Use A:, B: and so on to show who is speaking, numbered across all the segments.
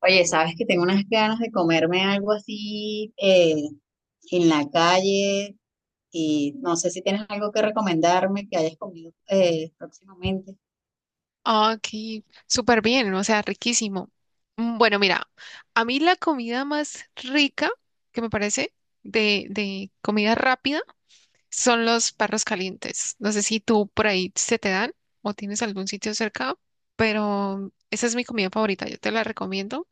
A: Oye, sabes que tengo unas ganas de comerme algo así en la calle y no sé si tienes algo que recomendarme que hayas comido próximamente.
B: Ah, ok, súper bien, o sea, riquísimo. Bueno, mira, a mí la comida más rica que me parece de comida rápida son los perros calientes. No sé si tú por ahí se te dan o tienes algún sitio cerca, pero esa es mi comida favorita, yo te la recomiendo.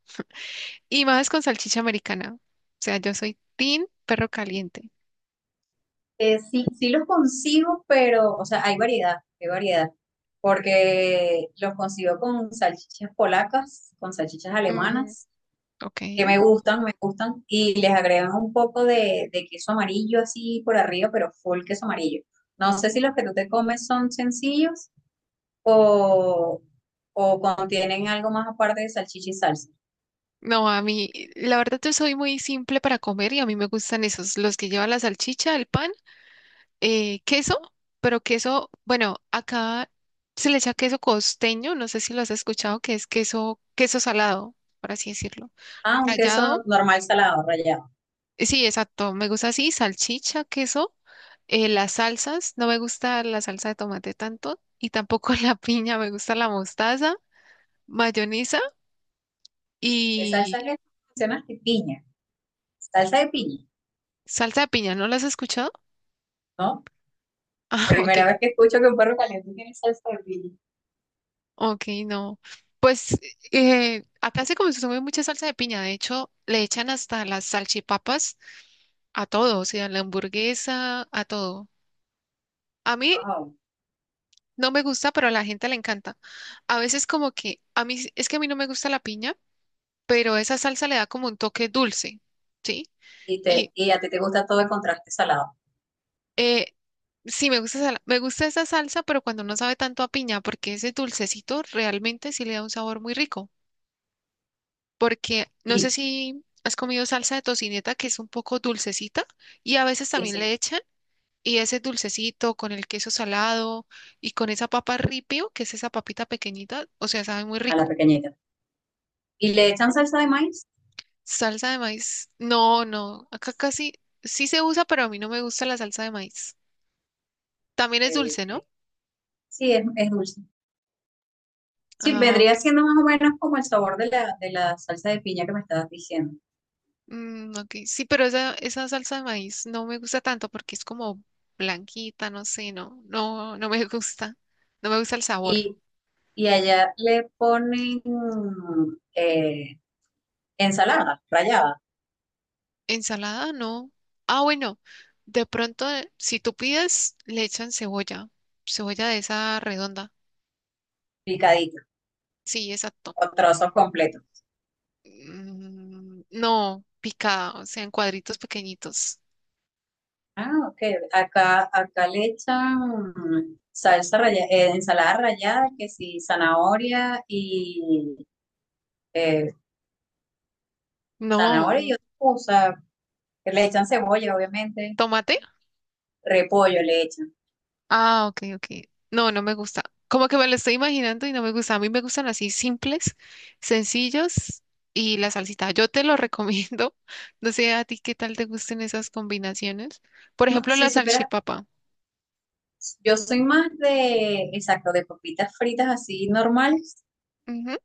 B: Y más con salchicha americana. O sea, yo soy team perro caliente.
A: Sí, sí los consigo, pero, o sea, hay variedad, porque los consigo con salchichas polacas, con salchichas
B: Mm,
A: alemanas,
B: ok.
A: que me gustan, y les agregan un poco de queso amarillo así por arriba, pero full queso amarillo. No sé si los que tú te comes son sencillos o, o contienen algo más aparte de salchicha y salsa.
B: No, a mí, la verdad yo soy muy simple para comer y a mí me gustan esos, los que llevan la salchicha, el pan, queso, pero queso, bueno, acá se le echa queso costeño, no sé si lo has escuchado, que es queso, queso salado, por así decirlo.
A: Ah, un queso
B: Rallado,
A: normal salado, rallado.
B: sí, exacto, me gusta así, salchicha, queso, las salsas, no me gusta la salsa de tomate tanto y tampoco la piña, me gusta la mostaza, mayonesa
A: ¿Qué
B: y
A: salsa le mencionas? ¿De piña? Salsa de piña,
B: salsa de piña, ¿no la has escuchado?
A: ¿no?
B: Ah, ok.
A: Primera vez que escucho que un perro caliente tiene salsa de piña.
B: Ok, no. Pues acá se consume mucha salsa de piña. De hecho, le echan hasta las salchipapas a todo, o sea, la hamburguesa, a todo. A mí
A: Wow.
B: no me gusta, pero a la gente le encanta. A veces como que, a mí, sí, es que a mí no me gusta la piña, pero esa salsa le da como un toque dulce, ¿sí? Y
A: Y a ti te gusta todo el contraste salado.
B: eh, sí, me gusta, me gusta esa salsa, pero cuando no sabe tanto a piña, porque ese dulcecito realmente sí le da un sabor muy rico. Porque no sé
A: Y
B: si has comido salsa de tocineta, que es un poco dulcecita, y a veces
A: sí,
B: también le
A: sí,
B: echan, y ese dulcecito con el queso salado y con esa papa ripio, que es esa papita pequeñita, o sea, sabe muy
A: a la
B: rico.
A: pequeñita. ¿Y le echan salsa de maíz?
B: Salsa de maíz, no, no, acá casi sí se usa, pero a mí no me gusta la salsa de maíz. También
A: Ok,
B: es dulce,
A: ok.
B: ¿no?
A: Sí, es dulce. Sí,
B: Ah,
A: vendría
B: ok.
A: siendo más o menos como el sabor de de la salsa de piña que me estabas diciendo.
B: Ok, sí, pero esa salsa de maíz no me gusta tanto porque es como blanquita, no sé, no me gusta, no me gusta el sabor.
A: Y y allá le ponen ensalada rallada,
B: Ensalada, no. Ah, bueno, de pronto, si tú pides, le echan cebolla, cebolla de esa redonda.
A: picadita,
B: Sí, exacto.
A: o trozos completos.
B: Mm, no, picada, o sea, en cuadritos pequeñitos.
A: Ah, ok. Acá le echan salsa rallada, ensalada rallada, que sí, zanahoria y eh, zanahoria y
B: No,
A: otra cosa. Le echan cebolla, obviamente.
B: tomate.
A: Repollo le echan.
B: Ah, ok, ok. No, no me gusta. Como que me lo estoy imaginando y no me gusta. A mí me gustan así simples, sencillos y la salsita. Yo te lo recomiendo. No sé a ti qué tal te gusten esas combinaciones. Por
A: No,
B: ejemplo,
A: si
B: la
A: supieras,
B: salchipapa.
A: yo soy más de, exacto, de papitas fritas así normales
B: Ujú.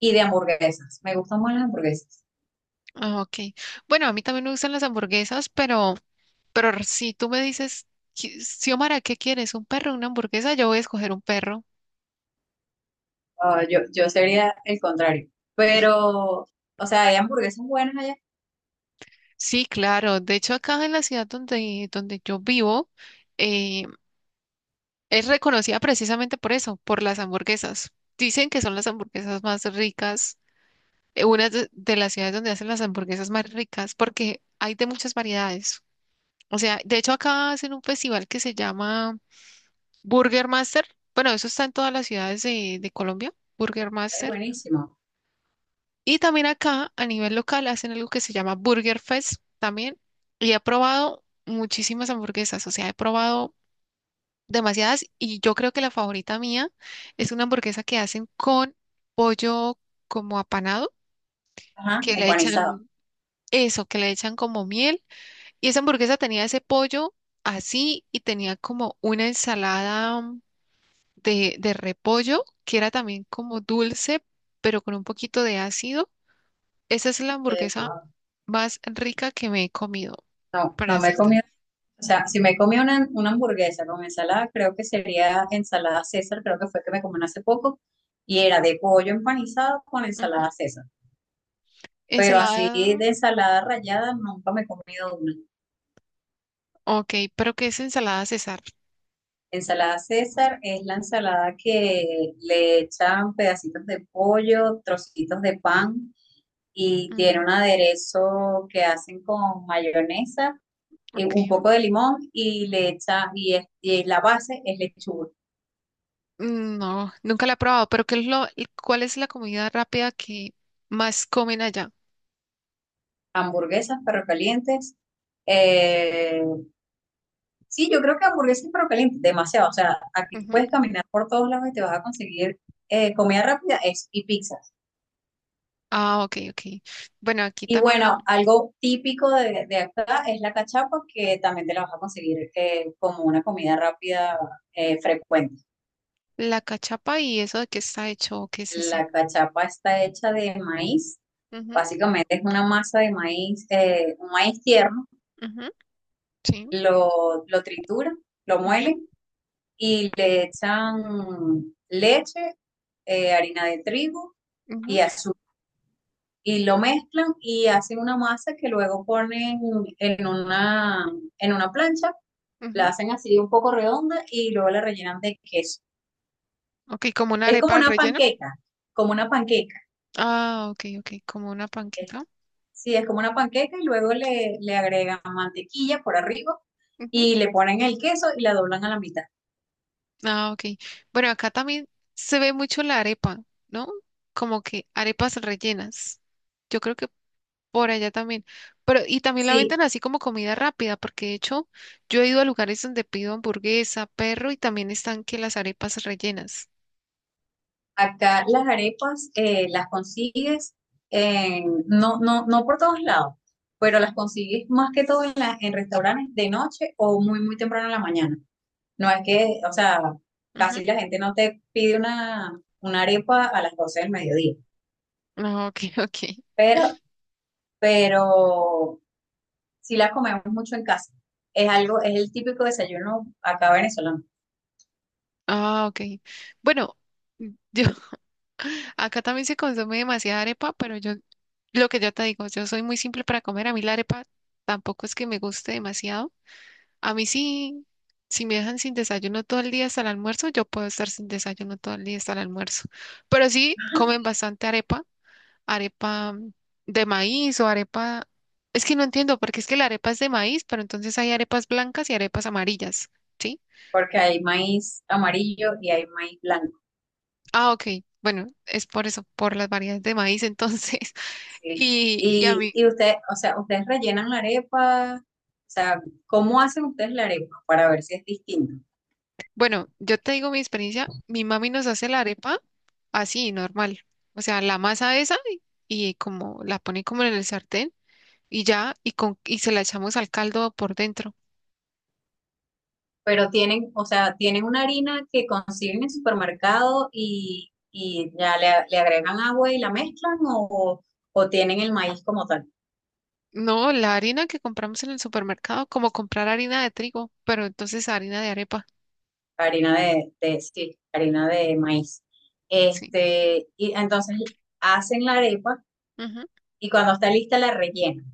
A: y de hamburguesas. Me gustan más las hamburguesas.
B: Ah, ok. Bueno, a mí también me gustan las hamburguesas, pero si tú me dices: Xiomara, ¿qué quieres? ¿Un perro o una hamburguesa?". Yo voy a escoger un perro.
A: No, yo sería el contrario. Pero, o sea, hay hamburguesas buenas allá.
B: Sí, claro. De hecho, acá en la ciudad donde, donde yo vivo, eh, es reconocida precisamente por eso, por las hamburguesas. Dicen que son las hamburguesas más ricas, una de las ciudades donde hacen las hamburguesas más ricas, porque hay de muchas variedades. O sea, de hecho acá hacen un festival que se llama Burger Master, bueno, eso está en todas las ciudades de Colombia, Burger
A: Ay,
B: Master.
A: buenísimo.
B: Y también acá, a nivel local, hacen algo que se llama Burger Fest también. Y he probado muchísimas hamburguesas, o sea, he probado demasiadas, y yo creo que la favorita mía es una hamburguesa que hacen con pollo como apanado,
A: Ajá,
B: que le
A: empanizado.
B: echan eso, que le echan como miel. Y esa hamburguesa tenía ese pollo así, y tenía como una ensalada de repollo, que era también como dulce, pero con un poquito de ácido. Esa es la hamburguesa
A: Wow.
B: más rica que me he comido,
A: No,
B: para
A: no me he
B: decirte.
A: comido. O sea, si me he comido una hamburguesa con ensalada, creo que sería ensalada César, creo que fue que me comí hace poco, y era de pollo empanizado con
B: Ujú.
A: ensalada César. Pero así
B: Ensalada,
A: de ensalada rallada nunca me he comido una.
B: ok, pero ¿qué es ensalada César?
A: Ensalada César es la ensalada que le echan pedacitos de pollo, trocitos de pan, y tiene un
B: Mm,
A: aderezo que hacen con mayonesa,
B: ok.
A: un poco de limón y le echa, y, y la base es lechuga.
B: No, nunca la he probado, pero ¿qué es lo, cuál es la comida rápida que más comen allá?
A: Hamburguesas, perro calientes. eh, sí, yo creo que hamburguesas y perro calientes, demasiado. O sea, aquí tú
B: Ujú.
A: puedes caminar por todos lados y te vas a conseguir comida rápida es, y pizzas.
B: Ah, ok, ok. Bueno, aquí
A: Y
B: también la,
A: bueno, algo típico de acá es la cachapa, que también te la vas a conseguir como una comida rápida frecuente.
B: la cachapa, y eso de qué está hecho, qué es eso.
A: La cachapa está hecha de maíz.
B: Ujú,
A: Básicamente es una masa de maíz, un maíz tierno.
B: ujú, sí.
A: Lo tritura, lo
B: Ujú,
A: muelen y le echan leche, harina de trigo
B: ujú,
A: y azúcar. Y lo mezclan y hacen una masa que luego ponen en una, en una plancha, la
B: ujú.
A: hacen así un poco redonda y luego la rellenan de queso.
B: Ok, como una
A: Es como
B: arepa al
A: una
B: relleno.
A: panqueca, como una panqueca.
B: Ah, ok, ok, como una panqueca.
A: Sí, es como una panqueca y luego le agregan mantequilla por arriba
B: Ujú.
A: y le ponen el queso y la doblan a la mitad.
B: Ah, ok. Bueno, acá también se ve mucho la arepa, ¿no? Como que arepas rellenas. Yo creo que por allá también. Pero, y también la
A: Sí,
B: venden así como comida rápida, porque de hecho yo he ido a lugares donde pido hamburguesa, perro, y también están que las arepas rellenas.
A: acá las arepas las consigues, no por todos lados, pero las consigues más que todo en, en restaurantes de noche o muy, muy temprano en la mañana. No es que, o sea,
B: Ujú.
A: casi la gente no te pide una arepa a las 12 del mediodía,
B: Ah, ok, ok.
A: pero, pero sí la comemos mucho en casa. Es algo, es el típico desayuno acá venezolano,
B: Ah, ok. Bueno, yo acá también se consume demasiada arepa, pero yo, lo que yo te digo, yo soy muy simple para comer. A mí la arepa tampoco es que me guste demasiado. A mí sí, si me dejan sin desayuno todo el día hasta el almuerzo, yo puedo estar sin desayuno todo el día hasta el almuerzo. Pero sí comen bastante arepa, arepa de maíz o arepa... Es que no entiendo, porque es que la arepa es de maíz, pero entonces hay arepas blancas y arepas amarillas, ¿sí?
A: porque hay maíz amarillo y hay maíz blanco.
B: Ah, ok. Bueno, es por eso, por las variedades de maíz entonces.
A: ¿Sí?
B: Y a mí...
A: Y ustedes, o sea, ustedes rellenan la arepa, o sea, ¿cómo hacen ustedes la arepa para ver si es distinto?
B: Bueno, yo te digo mi experiencia, mi mami nos hace la arepa así, normal. O sea, la masa esa, y como la pone como en el sartén y ya, y con, y se la echamos al caldo por dentro.
A: Pero tienen, o sea, tienen una harina que consiguen en supermercado y ya le agregan agua y la mezclan o tienen el maíz como tal.
B: No, la harina que compramos en el supermercado, como comprar harina de trigo, pero entonces harina de arepa,
A: Harina de sí, harina de maíz.
B: sí.
A: Este, y entonces hacen la arepa
B: Ujú.
A: y cuando está lista la rellenan.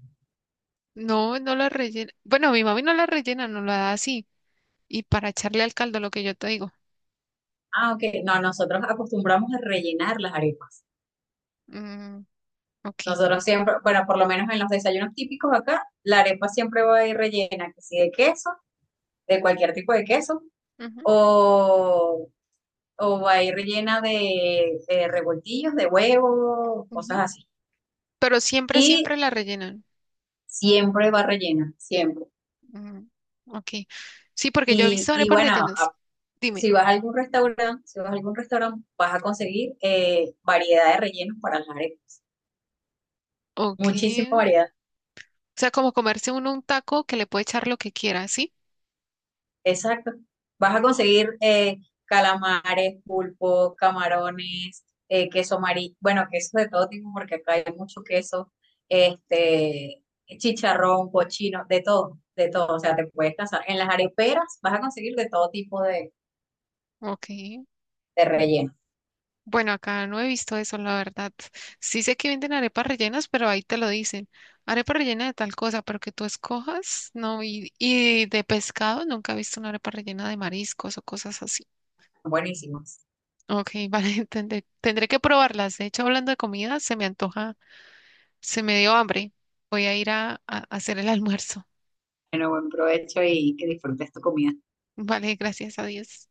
B: No, no la rellena. Bueno, mi mami no la rellena, no la da así. Y para echarle al caldo, lo que yo te digo.
A: Ah, ok. No, nosotros acostumbramos a rellenar las arepas.
B: Mm, ok.
A: Nosotros siempre, bueno, por lo menos en los desayunos típicos acá, la arepa siempre va a ir rellena, que si de queso, de cualquier tipo de queso,
B: Ujú,
A: o, o va a ir rellena de revoltillos, de huevo, cosas
B: ujú.
A: así.
B: Pero siempre,
A: Y
B: siempre la rellenan.
A: siempre va rellena, siempre.
B: Mm, ok. Sí, porque yo he visto
A: Y
B: arepas
A: bueno,
B: rellenas. Dime,
A: si vas a algún restaurante, si vas a algún restaurante, vas a conseguir variedad de rellenos para las arepas.
B: ok.
A: Muchísima
B: O
A: variedad.
B: sea, como comerse uno un taco, que le puede echar lo que quiera, ¿sí?
A: Exacto. Vas a conseguir calamares, pulpo, camarones, queso amarillo, bueno, queso de todo tipo, porque acá hay mucho queso, este, chicharrón, cochino, de todo, de todo. O sea, te puedes casar. En las areperas vas a conseguir de todo tipo
B: Ok.
A: de rellenos.
B: Bueno, acá no he visto eso, la verdad. Sí sé que venden arepas rellenas, pero ahí te lo dicen. Arepa rellena de tal cosa, pero que tú escojas, no. Y de pescado, nunca he visto una arepa rellena de mariscos o cosas así.
A: Buenísimos.
B: Ok, vale, tendré, tendré que probarlas. De hecho, hablando de comida, se me antoja, se me dio hambre. Voy a ir a hacer el almuerzo.
A: Bueno, buen provecho y que disfrutes tu comida.
B: Vale, gracias a Dios.